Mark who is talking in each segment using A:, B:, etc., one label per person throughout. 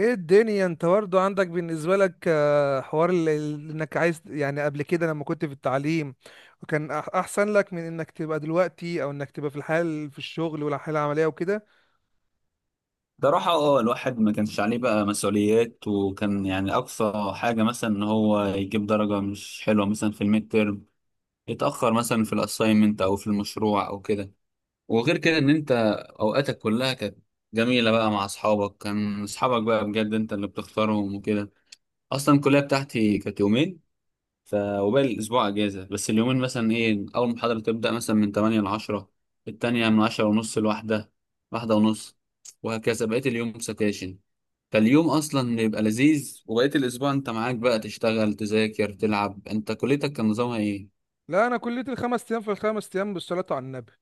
A: ايه الدنيا، انت برضه عندك بالنسبه لك حوار انك عايز، يعني قبل كده لما كنت في التعليم وكان احسن لك من انك تبقى دلوقتي او انك تبقى في الحال في الشغل والحاله العمليه وكده.
B: صراحة الواحد ما كانش عليه بقى مسؤوليات وكان يعني أقصى حاجة مثلا إن هو يجيب درجة مش حلوة مثلا في الميد تيرم، يتأخر مثلا في الأساينمنت أو في المشروع أو كده. وغير كده إن أنت أوقاتك كلها كانت جميلة بقى مع أصحابك، كان أصحابك بقى بجد أنت اللي بتختارهم وكده. أصلا الكلية بتاعتي كانت يومين، وباقي الاسبوع اجازه، بس اليومين مثلا ايه، اول محاضره تبدا مثلا من 8 ل 10، التانية من 10 ونص لواحدة، واحدة ونص، وهكذا بقيت اليوم سكاشن. فاليوم اصلا بيبقى لذيذ وبقيت الاسبوع انت معاك بقى تشتغل، تذاكر، تلعب. انت كليتك كان نظامها ايه؟
A: لا انا كليتي الخمس ايام، في الخمس ايام بالصلاه على النبي.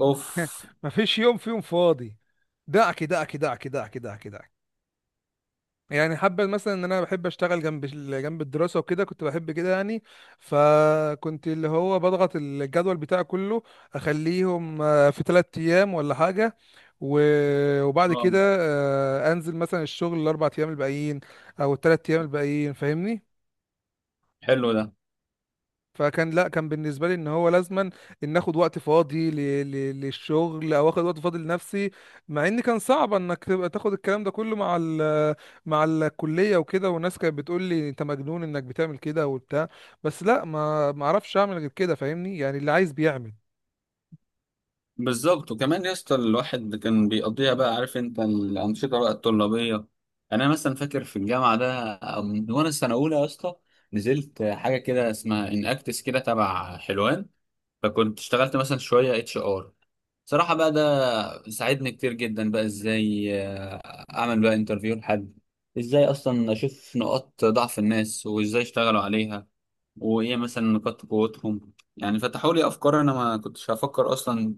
B: اوف.
A: مفيش يوم فيهم فاضي. دعك دعك دعك دعك دعك دعك. يعني حابة مثلا ان انا بحب اشتغل جنب جنب الدراسة وكده، كنت بحب كده يعني. فكنت اللي هو بضغط الجدول بتاعي كله، اخليهم في ثلاث ايام ولا حاجة. وبعد
B: اه.
A: كده انزل مثلا الشغل الاربع ايام الباقيين او الثلاث ايام الباقيين، فاهمني؟
B: حلو ده.
A: فكان، لا، كان بالنسبه لي ان هو لازما ان اخد وقت فاضي للشغل او اخد وقت فاضي لنفسي. مع ان كان صعب انك تبقى تاخد الكلام ده كله مع مع الكليه وكده، والناس كانت بتقول لي انت مجنون انك بتعمل كده وبتاع. بس لا، ما اعرفش اعمل غير كده، فاهمني؟ يعني اللي عايز بيعمل.
B: بالظبط، وكمان يا اسطى الواحد كان بيقضيها بقى، عارف انت الانشطه بقى الطلابيه. يعني انا مثلا فاكر في الجامعه ده من وانا السنه اولى يا اسطى، نزلت حاجه كده اسمها ان اكتس كده تبع حلوان، فكنت اشتغلت مثلا شويه اتش ار. صراحة بقى ده ساعدني كتير جدا بقى، ازاي اعمل بقى انترفيو لحد، ازاي اصلا اشوف نقاط ضعف الناس وازاي اشتغلوا عليها، وايه مثلا نقاط قوتهم. يعني فتحوا لي افكار انا ما كنتش هفكر اصلا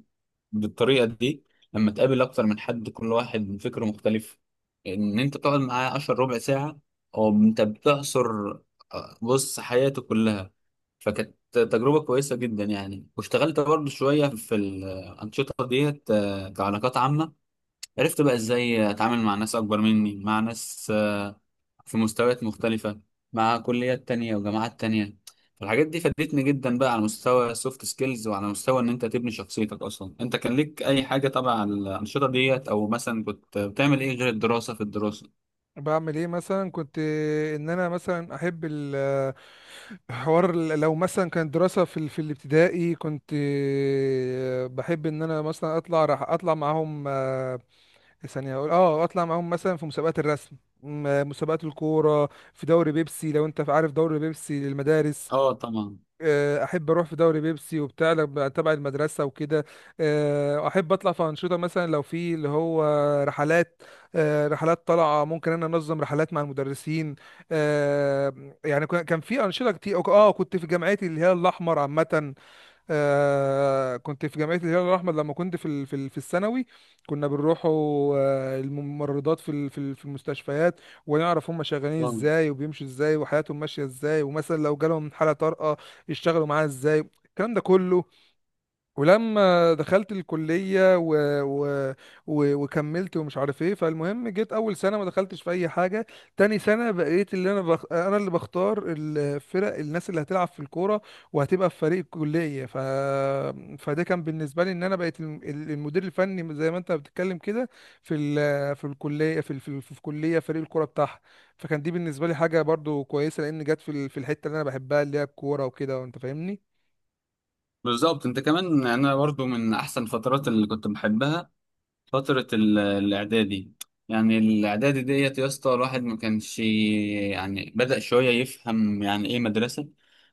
B: بالطريقة دي. لما تقابل اكتر من حد كل واحد فكره مختلف، ان انت تقعد معاه عشر ربع ساعة او انت بتعصر بص حياته كلها. فكانت تجربة كويسة جدا يعني، واشتغلت برضو شوية في الأنشطة ديت كعلاقات عامة. عرفت بقى إزاي أتعامل مع ناس أكبر مني، مع ناس في مستويات مختلفة، مع كليات تانية وجامعات تانية. فالحاجات دي فادتني جدا بقى على مستوى السوفت سكيلز، وعلى مستوى إن أنت تبني شخصيتك أصلا. أنت كان ليك أي حاجة تبع على الأنشطة ديت، أو مثلا كنت بتعمل إيه غير الدراسة في الدراسة؟
A: بعمل ايه مثلا؟ كنت ان انا مثلا احب حوار لو مثلا كانت دراسة في في الابتدائي، كنت بحب ان انا مثلا اطلع، راح اطلع معاهم ثانية، أقول أه أطلع معاهم مثلا في مسابقات الرسم، مسابقات الكورة في دوري بيبسي، لو أنت عارف دوري بيبسي للمدارس.
B: اه طبعا.
A: أحب أروح في دوري بيبسي وبتاع تبع المدرسة وكده. أحب أطلع في أنشطة، مثلا لو في اللي هو رحلات. رحلات طالعة، ممكن أنا أنظم رحلات مع المدرسين. يعني كان في أنشطة كتير. أه كنت في جامعتي اللي هي الأحمر عامة. آه كنت في جمعية الهلال الأحمر لما كنت في في الثانوي. كنا بنروحوا الممرضات في في المستشفيات، ونعرف هم شغالين
B: طبعاً.
A: ازاي، وبيمشوا ازاي، وحياتهم ماشية ازاي، ومثلا لو جالهم حالة طارئة يشتغلوا معاها ازاي، الكلام ده كله. ولما دخلت الكلية و... وكملت ومش عارف ايه، فالمهم جيت اول سنة ما دخلتش في اي حاجة. تاني سنة بقيت اللي انا اللي بختار الفرق، الناس اللي هتلعب في الكورة وهتبقى في فريق الكلية. فده كان بالنسبة لي ان انا بقيت المدير الفني، زي ما انت بتتكلم كده، في في الكلية، في في كلية، فريق الكورة بتاعها. فكان دي بالنسبة لي حاجة برضو كويسة، لان جت في في الحتة اللي انا بحبها، اللي هي الكورة وكده، وانت فاهمني.
B: بالظبط، انت كمان انا برضو من احسن الفترات اللي كنت بحبها فترة الإعدادي. يعني الإعدادي ديت يا اسطى الواحد ما كانش، يعني بدأ شوية يفهم يعني إيه مدرسة.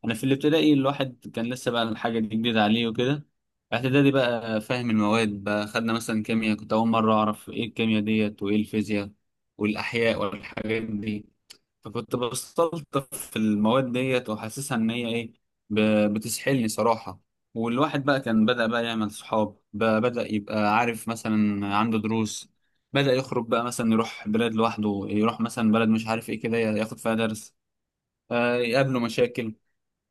B: أنا في الابتدائي الواحد كان لسه بقى الحاجة دي جديدة عليه وكده. إعدادي بقى فاهم المواد، بقى خدنا مثلا كيمياء، كنت أول مرة أعرف إيه الكيمياء ديت وإيه الفيزياء والأحياء والحاجات دي. فكنت بستلطف في المواد ديت وحاسسها ان هي ايه، بتسحلني صراحة. والواحد بقى كان بدأ بقى يعمل صحاب، بدأ يبقى عارف مثلا عنده دروس، بدأ يخرج بقى مثلا يروح بلاد لوحده، يروح مثلا بلد مش عارف ايه كده ياخد فيها درس، يقابله مشاكل.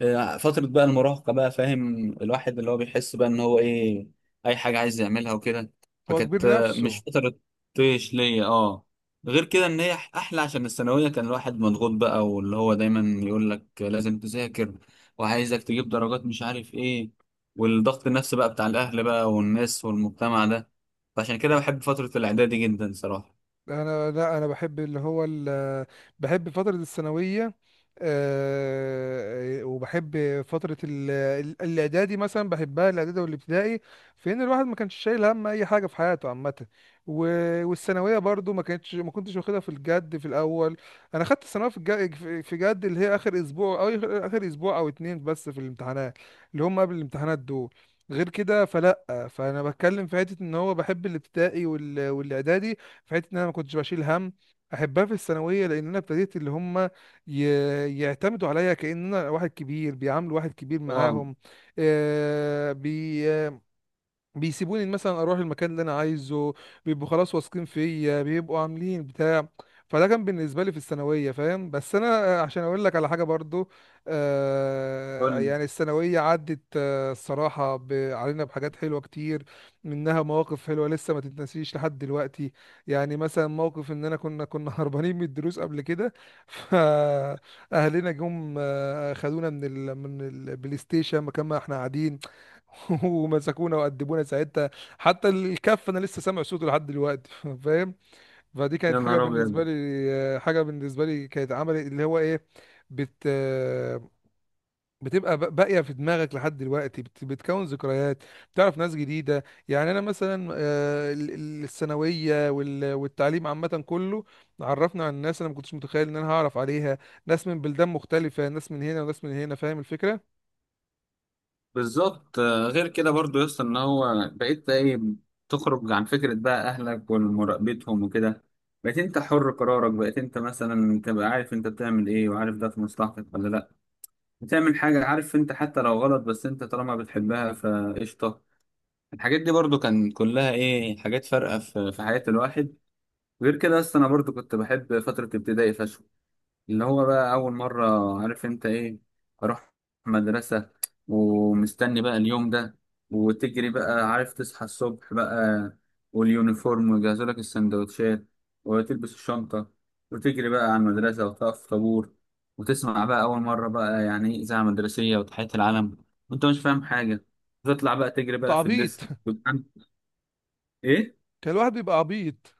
B: فترة بقى المراهقة، بقى فاهم الواحد اللي هو بيحس بقى ان هو ايه، اي حاجة عايز يعملها وكده.
A: هو
B: فكانت
A: كبير
B: مش
A: نفسه.
B: فترة طيش ليا اه. غير كده ان هي احلى، عشان الثانوية كان الواحد مضغوط بقى، واللي هو دايما يقول لك لازم تذاكر وعايزك تجيب درجات مش عارف ايه، والضغط النفسي بقى بتاع الاهل بقى والناس والمجتمع ده. فعشان كده بحب فترة الاعدادي جدا صراحة.
A: انا لا، انا بحب بحب فترة الثانوية. وبحب فترة الاعدادي مثلا، بحبها الاعدادي والابتدائي في ان الواحد ما كانش شايل هم اي حاجة في حياته عامة. و... والثانوية برضو ما كنتش واخدها في الجد في الاول. انا خدت الثانوية في الجد في جد، اللي هي اخر اسبوع، او آخر اسبوع او اتنين، بس في الامتحانات اللي هم قبل الامتحانات دول. غير كده فلا. فانا بتكلم في حته ان هو بحب الابتدائي والاعدادي في حته ان انا ما كنتش بشيل هم. احبها في الثانويه لان انا ابتديت اللي هم ي... يعتمدوا عليا، كان انا واحد كبير، بيعاملوا واحد كبير
B: اه.
A: معاهم. آه بي... بيسيبوني مثلا اروح المكان اللي انا عايزه. بيبقوا خلاص واثقين فيا، بيبقوا عاملين بتاع. فده كان بالنسبه لي في الثانويه، فاهم؟ بس انا عشان اقول لك على حاجه برضو، آه
B: قول لي.
A: يعني الثانويه عدت، آه، الصراحه علينا بحاجات حلوه كتير. منها مواقف حلوه لسه ما تتنسيش لحد دلوقتي. يعني مثلا موقف ان انا كنا هربانين من الدروس قبل كده، فاهلنا جم خدونا من من البلاي ستيشن مكان ما احنا قاعدين، ومسكونا وأدبونا ساعتها. حتى الكف انا لسه سامع صوته لحد دلوقتي، فاهم؟ فدي كانت
B: يا نهار ابيض.
A: حاجه بالنسبه لي، كانت عمل اللي هو ايه، بت بتبقى باقيه في دماغك لحد دلوقتي، بتكون ذكريات. بتعرف ناس جديده، يعني انا مثلا الثانويه والتعليم عامه كله، عرفنا عن ناس انا ما كنتش متخيل ان انا هعرف عليها، ناس من بلدان مختلفه، ناس من هنا وناس من هنا، فاهم الفكره؟
B: بالظبط. غير كده برضو يا اسطى ان هو بقيت ايه، تخرج عن فكره بقى اهلك ومراقبتهم وكده، بقيت انت حر قرارك، بقيت انت مثلا تبقى عارف انت بتعمل ايه، وعارف ده في مصلحتك ولا لا، بتعمل حاجه عارف انت حتى لو غلط، بس انت طالما بتحبها فقشطه. الحاجات دي برضو كان كلها ايه، حاجات فارقه في حياه الواحد. غير كده اصلا انا برضو كنت بحب فتره ابتدائي فشخ. اللي هو بقى أول مرة، عارف أنت إيه، أروح مدرسة، ومستني بقى اليوم ده، وتجري بقى، عارف تصحى الصبح بقى واليونيفورم ويجهزوا لك السندوتشات، وتلبس الشنطة، وتجري بقى على المدرسة وتقف في طابور، وتسمع بقى أول مرة بقى يعني إيه إذاعة مدرسية وتحية العلم وأنت مش فاهم حاجة، وتطلع بقى تجري بقى في
A: تعبيط.
B: الديسك وتعمل. إيه؟
A: كان الواحد بيبقى عبيط.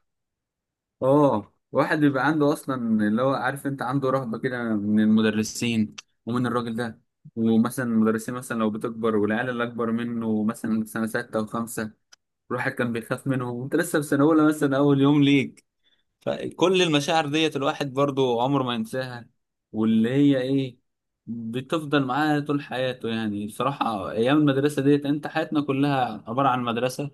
B: اه واحد بيبقى عنده اصلا اللي هو عارف انت عنده رهبه كده من المدرسين، ومن الراجل ده، ومثلا المدرسين مثلا لو بتكبر، والعيال اللي اكبر منه مثلا سنه سته وخمسه، الواحد كان بيخاف منهم وانت لسه في سنه اولى مثلا اول يوم ليك. فكل المشاعر ديت الواحد برضو عمره ما ينساها، واللي هي ايه، بتفضل معاه طول حياته. يعني بصراحه ايام المدرسه ديت انت، حياتنا كلها عباره عن مدرسه،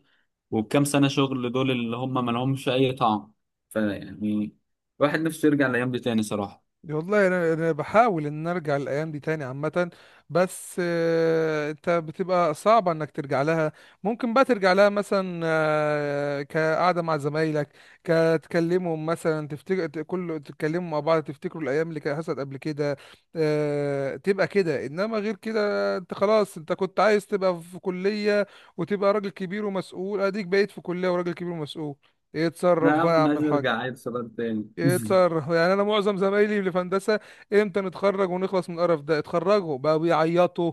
B: والكام سنة شغل دول اللي هم ما لهمش أي طعم. فيعني الواحد نفسه يرجع الأيام دي تاني صراحة.
A: والله انا بحاول ان أنا ارجع الايام دي تاني عامه، بس انت بتبقى صعبه انك ترجع لها. ممكن بقى ترجع لها مثلا كقعده مع زمايلك، كتكلمهم مثلا تفتكر ت- كل تتكلموا مع بعض تفتكروا الايام اللي كانت حصلت قبل كده. تبقى كده، انما غير كده انت خلاص، انت كنت عايز تبقى في كليه وتبقى راجل كبير ومسؤول، اديك بقيت في كليه وراجل كبير ومسؤول. ايه،
B: أنا
A: اتصرف
B: يا
A: بقى
B: عم
A: يا
B: أنا
A: عم
B: عايز
A: الحاج.
B: أرجع عيل صغير تاني
A: يتصرف يعني. انا معظم زمايلي اللي في هندسه، امتى نتخرج ونخلص من القرف ده؟ اتخرجوا بقوا بيعيطوا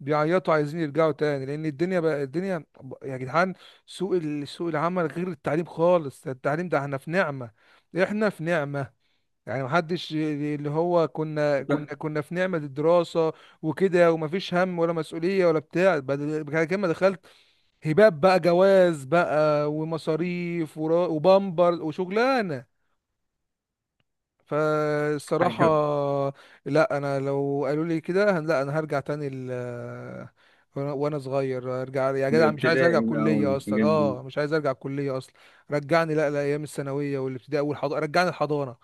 A: بيعيطوا عايزين يرجعوا تاني، لان الدنيا بقى الدنيا يا جدعان. سوق سوق العمل غير التعليم خالص. ده التعليم ده احنا في نعمة، احنا في نعمة. يعني محدش اللي هو كنا كنا
B: وكل
A: كنا في نعمة الدراسة وكده، ومفيش هم ولا مسؤولية ولا بتاع. بعد كده ما دخلت، هباب بقى، جواز بقى، ومصاريف وبامبر وشغلانة. فالصراحة
B: حاجة
A: لا، انا لو قالوا لي كده لا، انا هرجع تاني وأنا صغير، ارجع يا
B: من
A: جدع، مش عايز ارجع
B: الابتدائي بقى
A: كلية اصلا.
B: والحاجات دي.
A: اه مش عايز ارجع كلية اصلا. رجعني، لا لايام الثانوية والابتدائي والحضانة، رجعني الحضانة.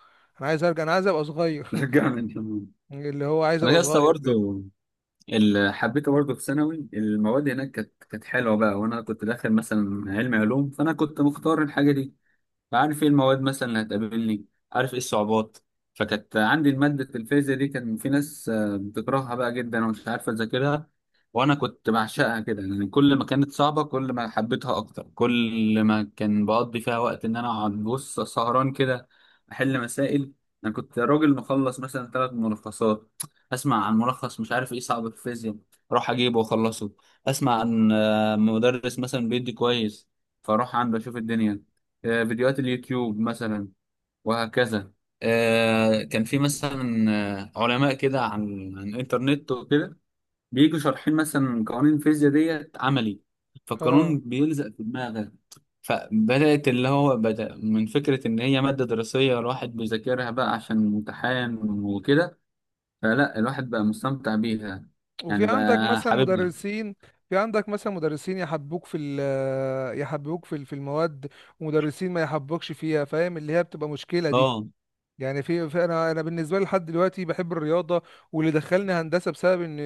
A: انا عايز ارجع، انا عايز ابقى صغير.
B: رجعنا الجنون.
A: اللي هو عايز
B: أنا
A: ابقى
B: لسه
A: صغير تاني.
B: برضه اللي حبيته برضه في ثانوي المواد، هناك كانت حلوة بقى، وأنا كنت داخل مثلا علمي علوم، فأنا كنت مختار الحاجة دي، عارف ايه المواد مثلا اللي هتقابلني، عارف ايه الصعوبات. فكانت عندي المادة الفيزياء دي، كان في ناس بتكرهها بقى جدا ومش عارفة تذاكرها، وانا كنت بعشقها كده. يعني كل ما كانت صعبة كل ما حبيتها اكتر، كل ما كان بقضي فيها وقت ان انا اقعد بص سهران كده احل مسائل. انا كنت راجل مخلص مثلا ثلاث ملخصات، اسمع عن ملخص مش عارف ايه صعب في الفيزياء اروح اجيبه واخلصه، اسمع عن مدرس مثلا بيدي كويس فاروح عنده اشوف الدنيا، فيديوهات اليوتيوب مثلا، وهكذا. كان في مثلا علماء كده عن الانترنت وكده، بيجوا شارحين مثلا قوانين الفيزياء ديت عملي،
A: اه.
B: فالقانون بيلزق في دماغك. فبدأت اللي هو بدأ من فكرة إن هي مادة دراسية الواحد بيذاكرها بقى عشان امتحان وكده، فلا الواحد بقى مستمتع بيها،
A: وفي
B: يعني
A: عندك
B: بقى
A: مثلا
B: حاببها.
A: مدرسين، في عندك مثلا مدرسين يحبوك في يحبوك في في المواد، ومدرسين ما يحبوكش فيها، فاهم؟ اللي هي بتبقى مشكلة دي.
B: اه.
A: يعني في, في انا، بالنسبه لي لحد دلوقتي بحب الرياضه، واللي دخلني هندسه بسبب ان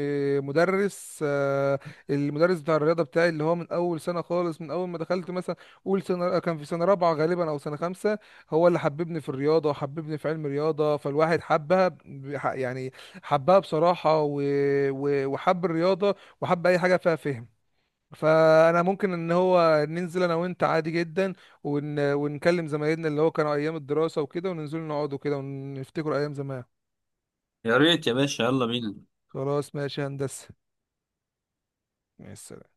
A: مدرس، المدرس بتاع الرياضه بتاعي، اللي هو من اول سنه خالص، من اول ما دخلت مثلا اول سنه، كان في سنه رابعه غالبا او سنه خمسه، هو اللي حببني في الرياضه وحببني في علم الرياضه. فالواحد حبها يعني حبها بصراحه، وحب الرياضه وحب اي حاجه فيها فهم. فانا ممكن ان هو ننزل انا وانت عادي جدا ونكلم زمايلنا اللي هو كانوا ايام الدراسة وكده، وننزل نقعدوا كده ونفتكروا ايام زمان.
B: يا ريت يا باشا، يلا بينا.
A: خلاص ماشي يا هندسة، مع السلامة.